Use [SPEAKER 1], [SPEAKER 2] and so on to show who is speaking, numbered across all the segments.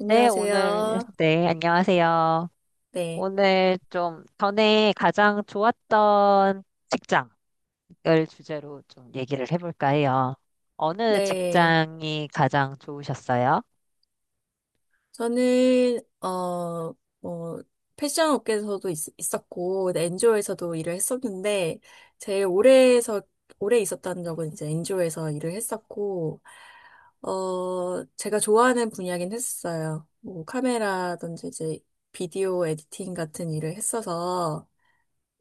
[SPEAKER 1] 네, 오늘,
[SPEAKER 2] 안녕하세요.
[SPEAKER 1] 네, 안녕하세요.
[SPEAKER 2] 네.
[SPEAKER 1] 오늘 좀 전에 가장 좋았던 직장을 주제로 좀 얘기를 해볼까 해요. 어느
[SPEAKER 2] 네.
[SPEAKER 1] 직장이 가장 좋으셨어요?
[SPEAKER 2] 저는, 뭐, 패션 업계에서도 있었고, 네, 엔조에서도 일을 했었는데, 제일 오래 있었다는 적은 이제 엔조에서 일을 했었고, 제가 좋아하는 분야긴 했었어요. 뭐, 카메라든지 이제 비디오 에디팅 같은 일을 했어서,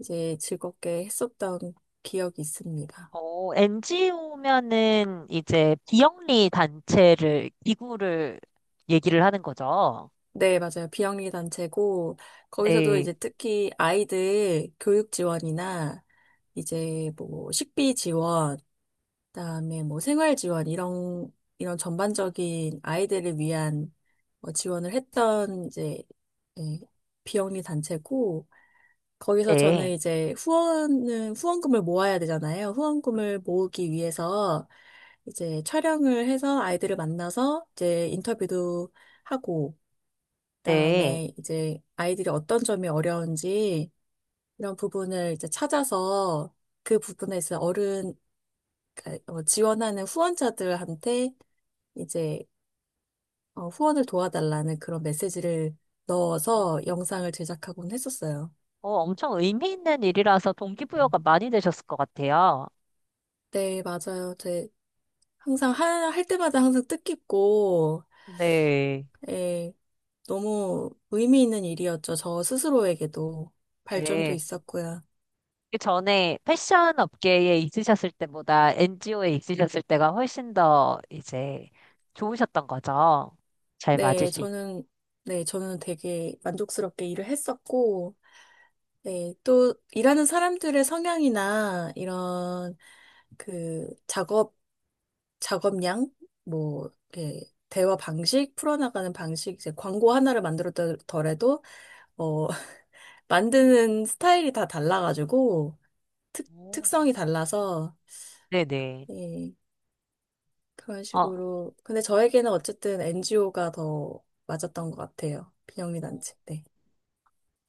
[SPEAKER 2] 이제 즐겁게 했었던 기억이 있습니다.
[SPEAKER 1] NGO면은 이제 비영리 단체를, 기구를 얘기를 하는 거죠.
[SPEAKER 2] 네, 맞아요. 비영리 단체고, 거기서도
[SPEAKER 1] 네,
[SPEAKER 2] 이제 특히 아이들 교육 지원이나, 이제 뭐 식비 지원, 그다음에 뭐 생활 지원, 이런, 이런 전반적인 아이들을 위한 뭐 지원을 했던 이제, 예, 비영리 단체고, 거기서 저는
[SPEAKER 1] 네,
[SPEAKER 2] 이제 후원은, 후원금을 모아야 되잖아요. 후원금을 모으기 위해서 이제 촬영을 해서 아이들을 만나서 이제 인터뷰도 하고,
[SPEAKER 1] 네.
[SPEAKER 2] 그다음에 이제 아이들이 어떤 점이 어려운지 이런 부분을 이제 찾아서 그 부분에서 어른 그러니까 지원하는 후원자들한테 이제 후원을 도와달라는 그런 메시지를 넣어서 영상을 제작하곤 했었어요.
[SPEAKER 1] 엄청 의미 있는 일이라서 동기부여가 많이 되셨을 것 같아요.
[SPEAKER 2] 네, 맞아요. 제 항상 할 때마다 항상 뜻깊고
[SPEAKER 1] 네,
[SPEAKER 2] 예, 너무 의미 있는 일이었죠. 저 스스로에게도 발전도
[SPEAKER 1] 네.
[SPEAKER 2] 있었고요.
[SPEAKER 1] 그 전에 패션 업계에 있으셨을 때보다 NGO에 있으셨을 때가 훨씬 더 이제 좋으셨던 거죠. 잘 맞을
[SPEAKER 2] 네,
[SPEAKER 1] 수 있고.
[SPEAKER 2] 저는, 네, 저는 되게 만족스럽게 일을 했었고, 네, 또 일하는 사람들의 성향이나 이런 그 작업, 작업량, 뭐, 이렇게 대화 방식, 풀어나가는 방식, 이제 광고 하나를 만들었더라도, 어, 만드는 스타일이 다 달라가지고, 특성이 달라서,
[SPEAKER 1] 네네.
[SPEAKER 2] 예, 그런
[SPEAKER 1] 어,
[SPEAKER 2] 식으로. 근데 저에게는 어쨌든 NGO가 더 맞았던 것 같아요.
[SPEAKER 1] 어,
[SPEAKER 2] 비영리단체. 네.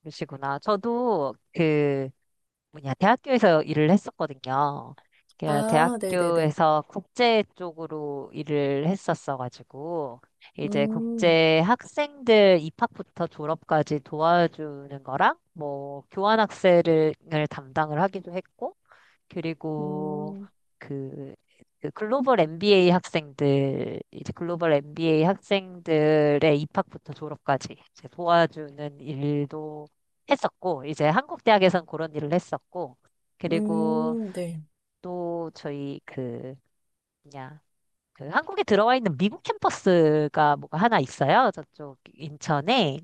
[SPEAKER 1] 그러시구나. 저도 그 뭐냐, 대학교에서 일을 했었거든요. 그
[SPEAKER 2] 아, 네네네.
[SPEAKER 1] 대학교에서 국제 쪽으로 일을 했었어가지고, 이제
[SPEAKER 2] 음,
[SPEAKER 1] 국제 학생들 입학부터 졸업까지 도와주는 거랑, 뭐, 교환학생을 담당을 하기도 했고, 그리고
[SPEAKER 2] 음,
[SPEAKER 1] 그, 그 글로벌 MBA 학생들, 이제 글로벌 MBA 학생들의 입학부터 졸업까지 이제 도와주는 일도 했었고, 이제 한국 대학에선 그런 일을 했었고, 그리고
[SPEAKER 2] 네.
[SPEAKER 1] 또 저희 그, 뭐냐, 그 한국에 들어와 있는 미국 캠퍼스가 뭐가 하나 있어요. 저쪽 인천에.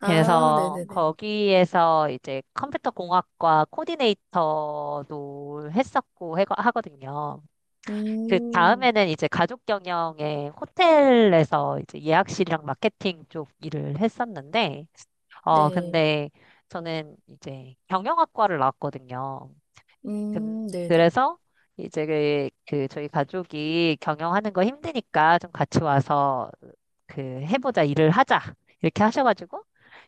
[SPEAKER 2] 아,
[SPEAKER 1] 그래서
[SPEAKER 2] 네네네.
[SPEAKER 1] 거기에서 이제 컴퓨터 공학과 코디네이터도 했었고 하거든요. 그
[SPEAKER 2] 음,
[SPEAKER 1] 다음에는 이제 가족 경영의 호텔에서 이제 예약실이랑 마케팅 쪽 일을 했었는데,
[SPEAKER 2] 네.
[SPEAKER 1] 근데 저는 이제 경영학과를 나왔거든요. 그,
[SPEAKER 2] 네네.
[SPEAKER 1] 그래서 이제 그 저희 가족이 경영하는 거 힘드니까 좀 같이 와서 그 해보자 일을 하자 이렇게 하셔가지고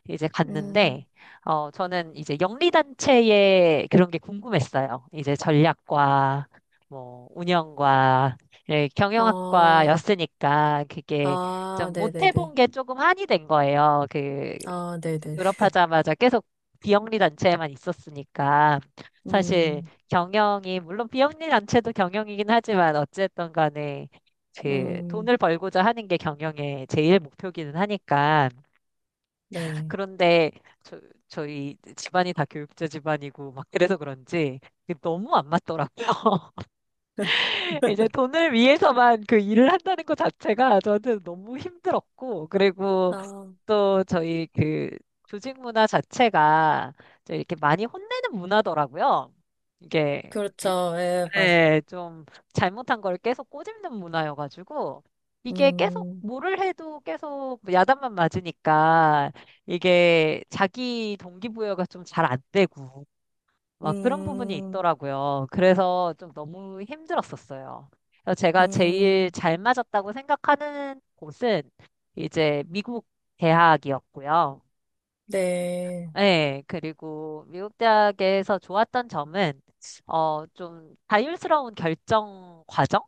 [SPEAKER 1] 이제
[SPEAKER 2] 음,
[SPEAKER 1] 갔는데 저는 이제 영리단체의 그런 게 궁금했어요. 이제 전략과 뭐 운영과 예,
[SPEAKER 2] 아,
[SPEAKER 1] 경영학과였으니까 그게
[SPEAKER 2] 아,
[SPEAKER 1] 좀 못
[SPEAKER 2] 네네네.
[SPEAKER 1] 해본 게 조금 한이 된 거예요. 그
[SPEAKER 2] 아, 네네.
[SPEAKER 1] 졸업하자마자 계속 비영리 단체에만 있었으니까 사실
[SPEAKER 2] 음,
[SPEAKER 1] 경영이 물론 비영리 단체도 경영이긴 하지만 어쨌든 간에 그
[SPEAKER 2] 음,
[SPEAKER 1] 돈을 벌고자 하는 게 경영의 제일 목표기는 하니까
[SPEAKER 2] 네.
[SPEAKER 1] 그런데 저, 저희 집안이 다 교육자 집안이고 막 그래서 그런지 이게 너무 안 맞더라고요. 이제 돈을 위해서만 그 일을 한다는 것 자체가 저한테 너무 힘들었고 그리고
[SPEAKER 2] 아,
[SPEAKER 1] 또 저희 그 조직 문화 자체가 좀 이렇게 많이 혼내는 문화더라고요. 이게
[SPEAKER 2] 그렇죠. 예, 맞아.
[SPEAKER 1] 네, 좀 잘못한 걸 계속 꼬집는 문화여가지고 이게 계속
[SPEAKER 2] 음,
[SPEAKER 1] 뭐를 해도 계속 야단만 맞으니까 이게 자기 동기부여가 좀 잘 안 되고 막 그런 부분이
[SPEAKER 2] 음,
[SPEAKER 1] 있더라고요. 그래서 좀 너무 힘들었었어요. 그래서 제가 제일
[SPEAKER 2] 음,
[SPEAKER 1] 잘 맞았다고 생각하는 곳은 이제 미국 대학이었고요.
[SPEAKER 2] 네.
[SPEAKER 1] 네, 그리고 미국 대학에서 좋았던 점은, 좀 자율스러운 결정 과정?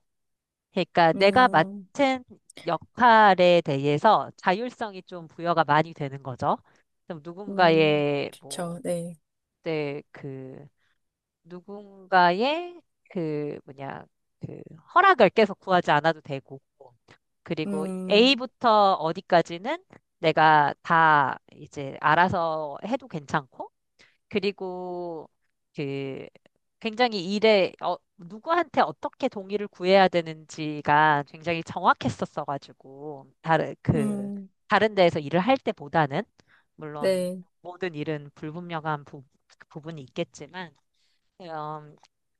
[SPEAKER 1] 그러니까 내가
[SPEAKER 2] 음,
[SPEAKER 1] 맡은 역할에 대해서 자율성이 좀 부여가 많이 되는 거죠. 좀
[SPEAKER 2] 음,
[SPEAKER 1] 누군가의,
[SPEAKER 2] 좋죠.
[SPEAKER 1] 뭐,
[SPEAKER 2] 네.
[SPEAKER 1] 네, 그, 누군가의 그, 뭐냐, 그, 허락을 계속 구하지 않아도 되고, 그리고
[SPEAKER 2] 음,
[SPEAKER 1] A부터 어디까지는 내가 다 이제 알아서 해도 괜찮고, 그리고 그 굉장히 일에 누구한테 어떻게 동의를 구해야 되는지가 굉장히 정확했었어가지고 다른 그
[SPEAKER 2] 음,
[SPEAKER 1] 다른 데에서 일을 할 때보다는 물론
[SPEAKER 2] 네.
[SPEAKER 1] 모든 일은 불분명한 부분이 있겠지만 음,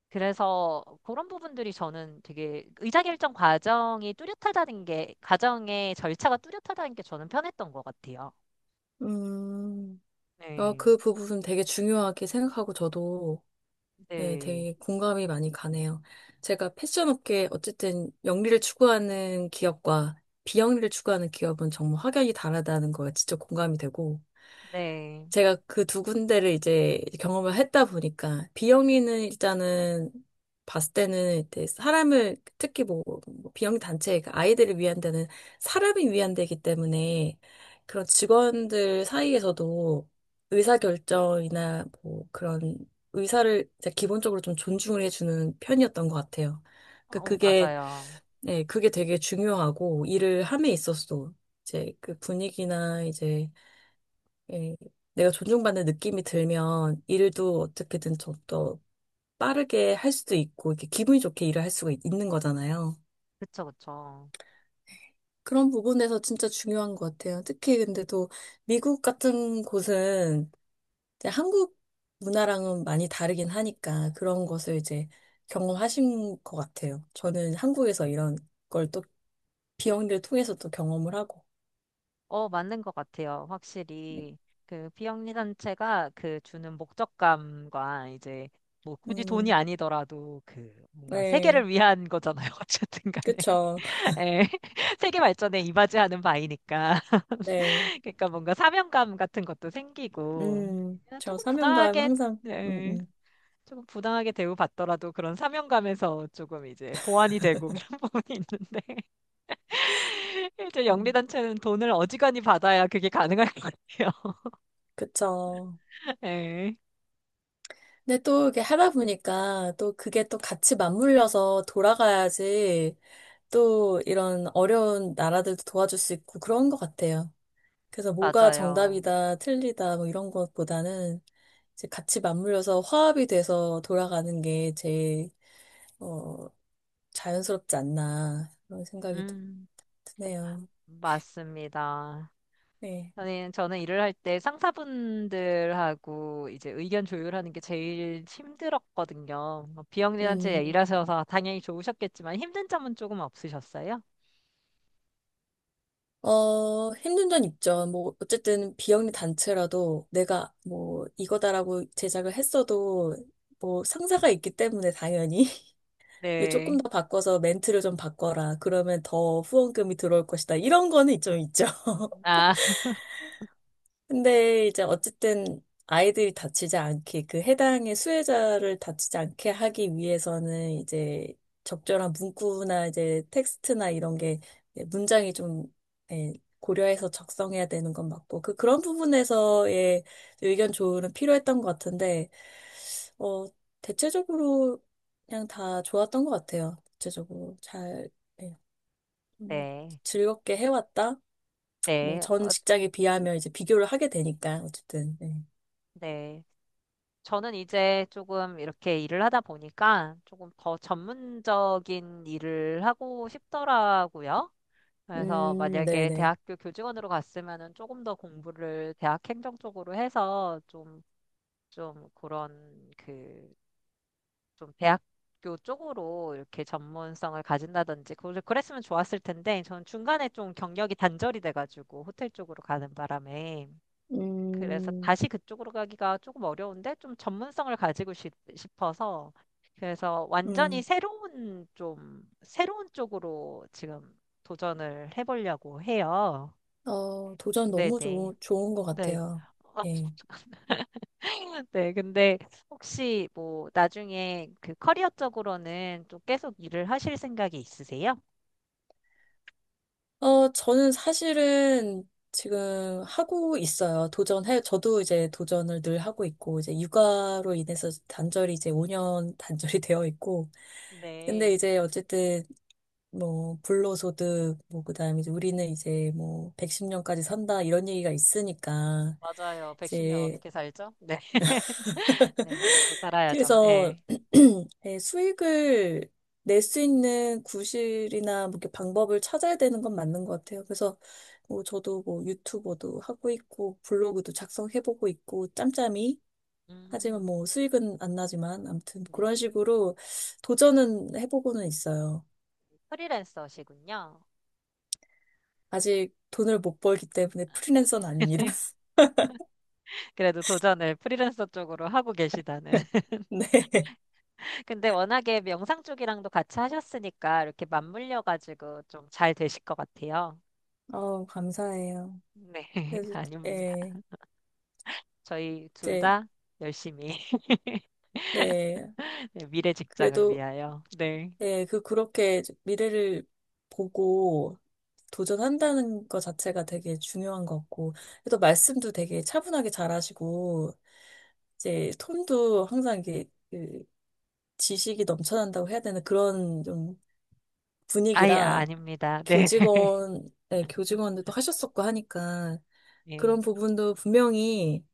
[SPEAKER 1] 그래서 그런 부분들이 저는 되게 의사결정 과정이 뚜렷하다는 게 과정의 절차가 뚜렷하다는 게 저는 편했던 것 같아요.
[SPEAKER 2] 음, 아,
[SPEAKER 1] 네,
[SPEAKER 2] 그 부분 되게 중요하게 생각하고 저도 예,
[SPEAKER 1] 네,
[SPEAKER 2] 되게 공감이 많이 가네요. 제가 패션 업계 어쨌든 영리를 추구하는 기업과 비영리를 추구하는 기업은 정말 확연히 다르다는 거에 진짜 공감이 되고
[SPEAKER 1] 네.
[SPEAKER 2] 제가 그 두 군데를 이제 경험을 했다 보니까 비영리는 일단은 봤을 때는 이제 사람을 특히 뭐, 뭐 비영리 단체 그 아이들을 위한 데는 사람이 위한 데이기 때문에 그런 직원들 사이에서도 의사결정이나 뭐 그런 의사를 이제 기본적으로 좀 존중을 해주는 편이었던 것 같아요. 그 그게
[SPEAKER 1] 맞아요.
[SPEAKER 2] 네, 그게 되게 중요하고 일을 함에 있어서도 이제 그 분위기나 이제 예, 내가 존중받는 느낌이 들면 일도 어떻게든 좀 더 빠르게 할 수도 있고, 이렇게 기분이 좋게 일을 할 수가 있는 거잖아요.
[SPEAKER 1] 그쵸, 그쵸.
[SPEAKER 2] 그런 부분에서 진짜 중요한 것 같아요. 특히 근데 또 미국 같은 곳은 이제 한국 문화랑은 많이 다르긴 하니까 그런 것을 이제 경험하신 것 같아요. 저는 한국에서 이런 걸 또 비영리를 통해서 또 경험을 하고.
[SPEAKER 1] 맞는 것 같아요. 확실히. 그 비영리단체가 그 주는 목적감과 이제 뭐 굳이 돈이
[SPEAKER 2] 음,
[SPEAKER 1] 아니더라도 그 뭔가
[SPEAKER 2] 네,
[SPEAKER 1] 세계를 위한 거잖아요. 어쨌든 간에.
[SPEAKER 2] 그쵸.
[SPEAKER 1] 예. 세계 발전에 이바지하는 바이니까.
[SPEAKER 2] 네.
[SPEAKER 1] 그러니까 뭔가 사명감 같은 것도 생기고. 그냥
[SPEAKER 2] 저
[SPEAKER 1] 조금
[SPEAKER 2] 사명감
[SPEAKER 1] 부당하게,
[SPEAKER 2] 항상,
[SPEAKER 1] 예. 조금 부당하게 대우받더라도 그런 사명감에서 조금 이제 보완이 되고 그런 부분이 있는데. 이제
[SPEAKER 2] 음,
[SPEAKER 1] 영리단체는 돈을 어지간히 받아야 그게 가능할 것 같아요.
[SPEAKER 2] 그쵸.
[SPEAKER 1] 네,
[SPEAKER 2] 근데 또 이렇게 하다 보니까 또 그게 또 같이 맞물려서 돌아가야지 또 이런 어려운 나라들도 도와줄 수 있고 그런 것 같아요. 그래서 뭐가
[SPEAKER 1] 맞아요.
[SPEAKER 2] 정답이다, 틀리다, 뭐 이런 것보다는 이제 같이 맞물려서 화합이 돼서 돌아가는 게 제일, 어, 자연스럽지 않나, 그런 생각이 또
[SPEAKER 1] 음,
[SPEAKER 2] 드네요.
[SPEAKER 1] 맞습니다.
[SPEAKER 2] 네.
[SPEAKER 1] 저는 일을 할 때 상사분들하고 이제 의견 조율하는 게 제일 힘들었거든요. 뭐 비영리단체에
[SPEAKER 2] 음.
[SPEAKER 1] 일하셔서 당연히 좋으셨겠지만 힘든 점은 조금 없으셨어요?
[SPEAKER 2] 힘든 점 있죠. 뭐, 어쨌든 비영리 단체라도 내가 뭐, 이거다라고 제작을 했어도 뭐, 상사가 있기 때문에 당연히 이거 조금
[SPEAKER 1] 네.
[SPEAKER 2] 더 바꿔서 멘트를 좀 바꿔라. 그러면 더 후원금이 들어올 것이다. 이런 거는 좀 있죠.
[SPEAKER 1] 아,
[SPEAKER 2] 근데 이제 어쨌든 아이들이 다치지 않게 그 해당의 수혜자를 다치지 않게 하기 위해서는 이제 적절한 문구나 이제 텍스트나 이런 게 문장이 좀 예, 고려해서 작성해야 되는 건 맞고 그 그런 부분에서의 의견 조언은 필요했던 것 같은데 어 대체적으로 그냥 다 좋았던 것 같아요. 대체적으로 잘 예, 음,
[SPEAKER 1] 네.
[SPEAKER 2] 즐겁게 해왔다. 뭐
[SPEAKER 1] 네.
[SPEAKER 2] 전 직장에 비하면 이제 비교를 하게 되니까 어쨌든. 예.
[SPEAKER 1] 네. 저는 이제 조금 이렇게 일을 하다 보니까 조금 더 전문적인 일을 하고 싶더라고요. 그래서 만약에
[SPEAKER 2] 네네.
[SPEAKER 1] 대학교 교직원으로 갔으면은 조금 더 공부를 대학 행정 쪽으로 해서 좀 그런 그, 좀 대학교 쪽으로 이렇게 전문성을 가진다든지 그랬으면 좋았을 텐데 저는 중간에 좀 경력이 단절이 돼가지고 호텔 쪽으로 가는 바람에 그래서
[SPEAKER 2] 음,
[SPEAKER 1] 다시 그쪽으로 가기가 조금 어려운데 좀 전문성을 가지고 싶어서 그래서 완전히
[SPEAKER 2] 음,
[SPEAKER 1] 새로운 좀 새로운 쪽으로 지금 도전을 해보려고 해요.
[SPEAKER 2] 도전 너무
[SPEAKER 1] 네네.
[SPEAKER 2] 좋은 것
[SPEAKER 1] 네.
[SPEAKER 2] 같아요.
[SPEAKER 1] 어,
[SPEAKER 2] 예.
[SPEAKER 1] 네, 근데 혹시 뭐 나중에 그 커리어적으로는 또 계속 일을 하실 생각이 있으세요?
[SPEAKER 2] 저는 사실은 지금 하고 있어요. 도전해, 저도 이제 도전을 늘 하고 있고, 이제 육아로 인해서 단절이 이제 5년 단절이 되어 있고, 근데
[SPEAKER 1] 네,
[SPEAKER 2] 이제 어쨌든 뭐, 불로소득, 뭐, 그 다음에 이제 우리는 이제 뭐, 110년까지 산다, 이런 얘기가 있으니까,
[SPEAKER 1] 맞아요. 110년
[SPEAKER 2] 이제
[SPEAKER 1] 어떻게 살죠? 네, 네, 먹고 살아야죠.
[SPEAKER 2] 그래서
[SPEAKER 1] 네.
[SPEAKER 2] 예, 수익을 낼 수 있는 구실이나 뭐 이렇게 방법을 찾아야 되는 건 맞는 것 같아요. 그래서 뭐 저도 뭐 유튜버도 하고 있고 블로그도 작성해보고 있고 짬짬이 하지만
[SPEAKER 1] 음,
[SPEAKER 2] 뭐 수익은 안 나지만 아무튼
[SPEAKER 1] 네.
[SPEAKER 2] 그런 식으로 도전은 해보고는 있어요.
[SPEAKER 1] 프리랜서시군요.
[SPEAKER 2] 아직 돈을 못 벌기 때문에 프리랜서는 아닙니다.
[SPEAKER 1] 네. 그래도 도전을 프리랜서 쪽으로 하고 계시다는.
[SPEAKER 2] 네.
[SPEAKER 1] 근데 워낙에 영상 쪽이랑도 같이 하셨으니까 이렇게 맞물려가지고 좀 잘 되실 것 같아요.
[SPEAKER 2] 감사해요.
[SPEAKER 1] 네,
[SPEAKER 2] 그래서
[SPEAKER 1] 아닙니다.
[SPEAKER 2] 예,
[SPEAKER 1] 저희 둘
[SPEAKER 2] 이제
[SPEAKER 1] 다 열심히
[SPEAKER 2] 네.
[SPEAKER 1] 네, 미래 직장을
[SPEAKER 2] 그래도
[SPEAKER 1] 위하여. 네.
[SPEAKER 2] 네, 그, 그렇게 미래를 보고 도전한다는 것 자체가 되게 중요한 것 같고, 또 말씀도 되게 차분하게 잘하시고, 이제 톤도 항상 이게 그 지식이 넘쳐난다고 해야 되는 그런 좀
[SPEAKER 1] 아예
[SPEAKER 2] 분위기라,
[SPEAKER 1] 아닙니다. 네.
[SPEAKER 2] 교직원, 네, 교직원들도 하셨었고 하니까,
[SPEAKER 1] 네.
[SPEAKER 2] 그런 부분도 분명히,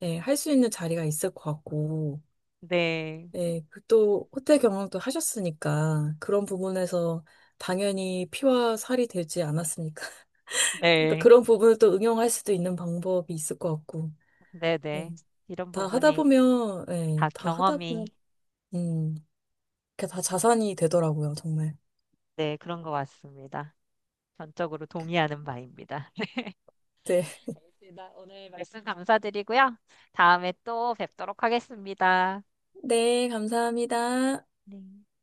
[SPEAKER 2] 네, 할 수 있는 자리가 있을 것 같고,
[SPEAKER 1] 네.
[SPEAKER 2] 네, 그또 호텔 경영도 하셨으니까 그런 부분에서 당연히 피와 살이 되지 않았으니까. 그러니까
[SPEAKER 1] 네.
[SPEAKER 2] 그런 부분을 또 응용할 수도 있는 방법이 있을 것 같고.
[SPEAKER 1] 네. 네.
[SPEAKER 2] 네,
[SPEAKER 1] 이런
[SPEAKER 2] 다 하다
[SPEAKER 1] 부분이
[SPEAKER 2] 보면,
[SPEAKER 1] 다
[SPEAKER 2] 네, 다 하다
[SPEAKER 1] 경험이
[SPEAKER 2] 보면, 음, 그게 다 자산이 되더라고요, 정말.
[SPEAKER 1] 네, 그런 것 같습니다. 전적으로 동의하는 바입니다.
[SPEAKER 2] 네.
[SPEAKER 1] 알겠습니다. 오늘 말씀 감사드리고요. 다음에 또 뵙도록 하겠습니다.
[SPEAKER 2] 네, 감사합니다.
[SPEAKER 1] 네.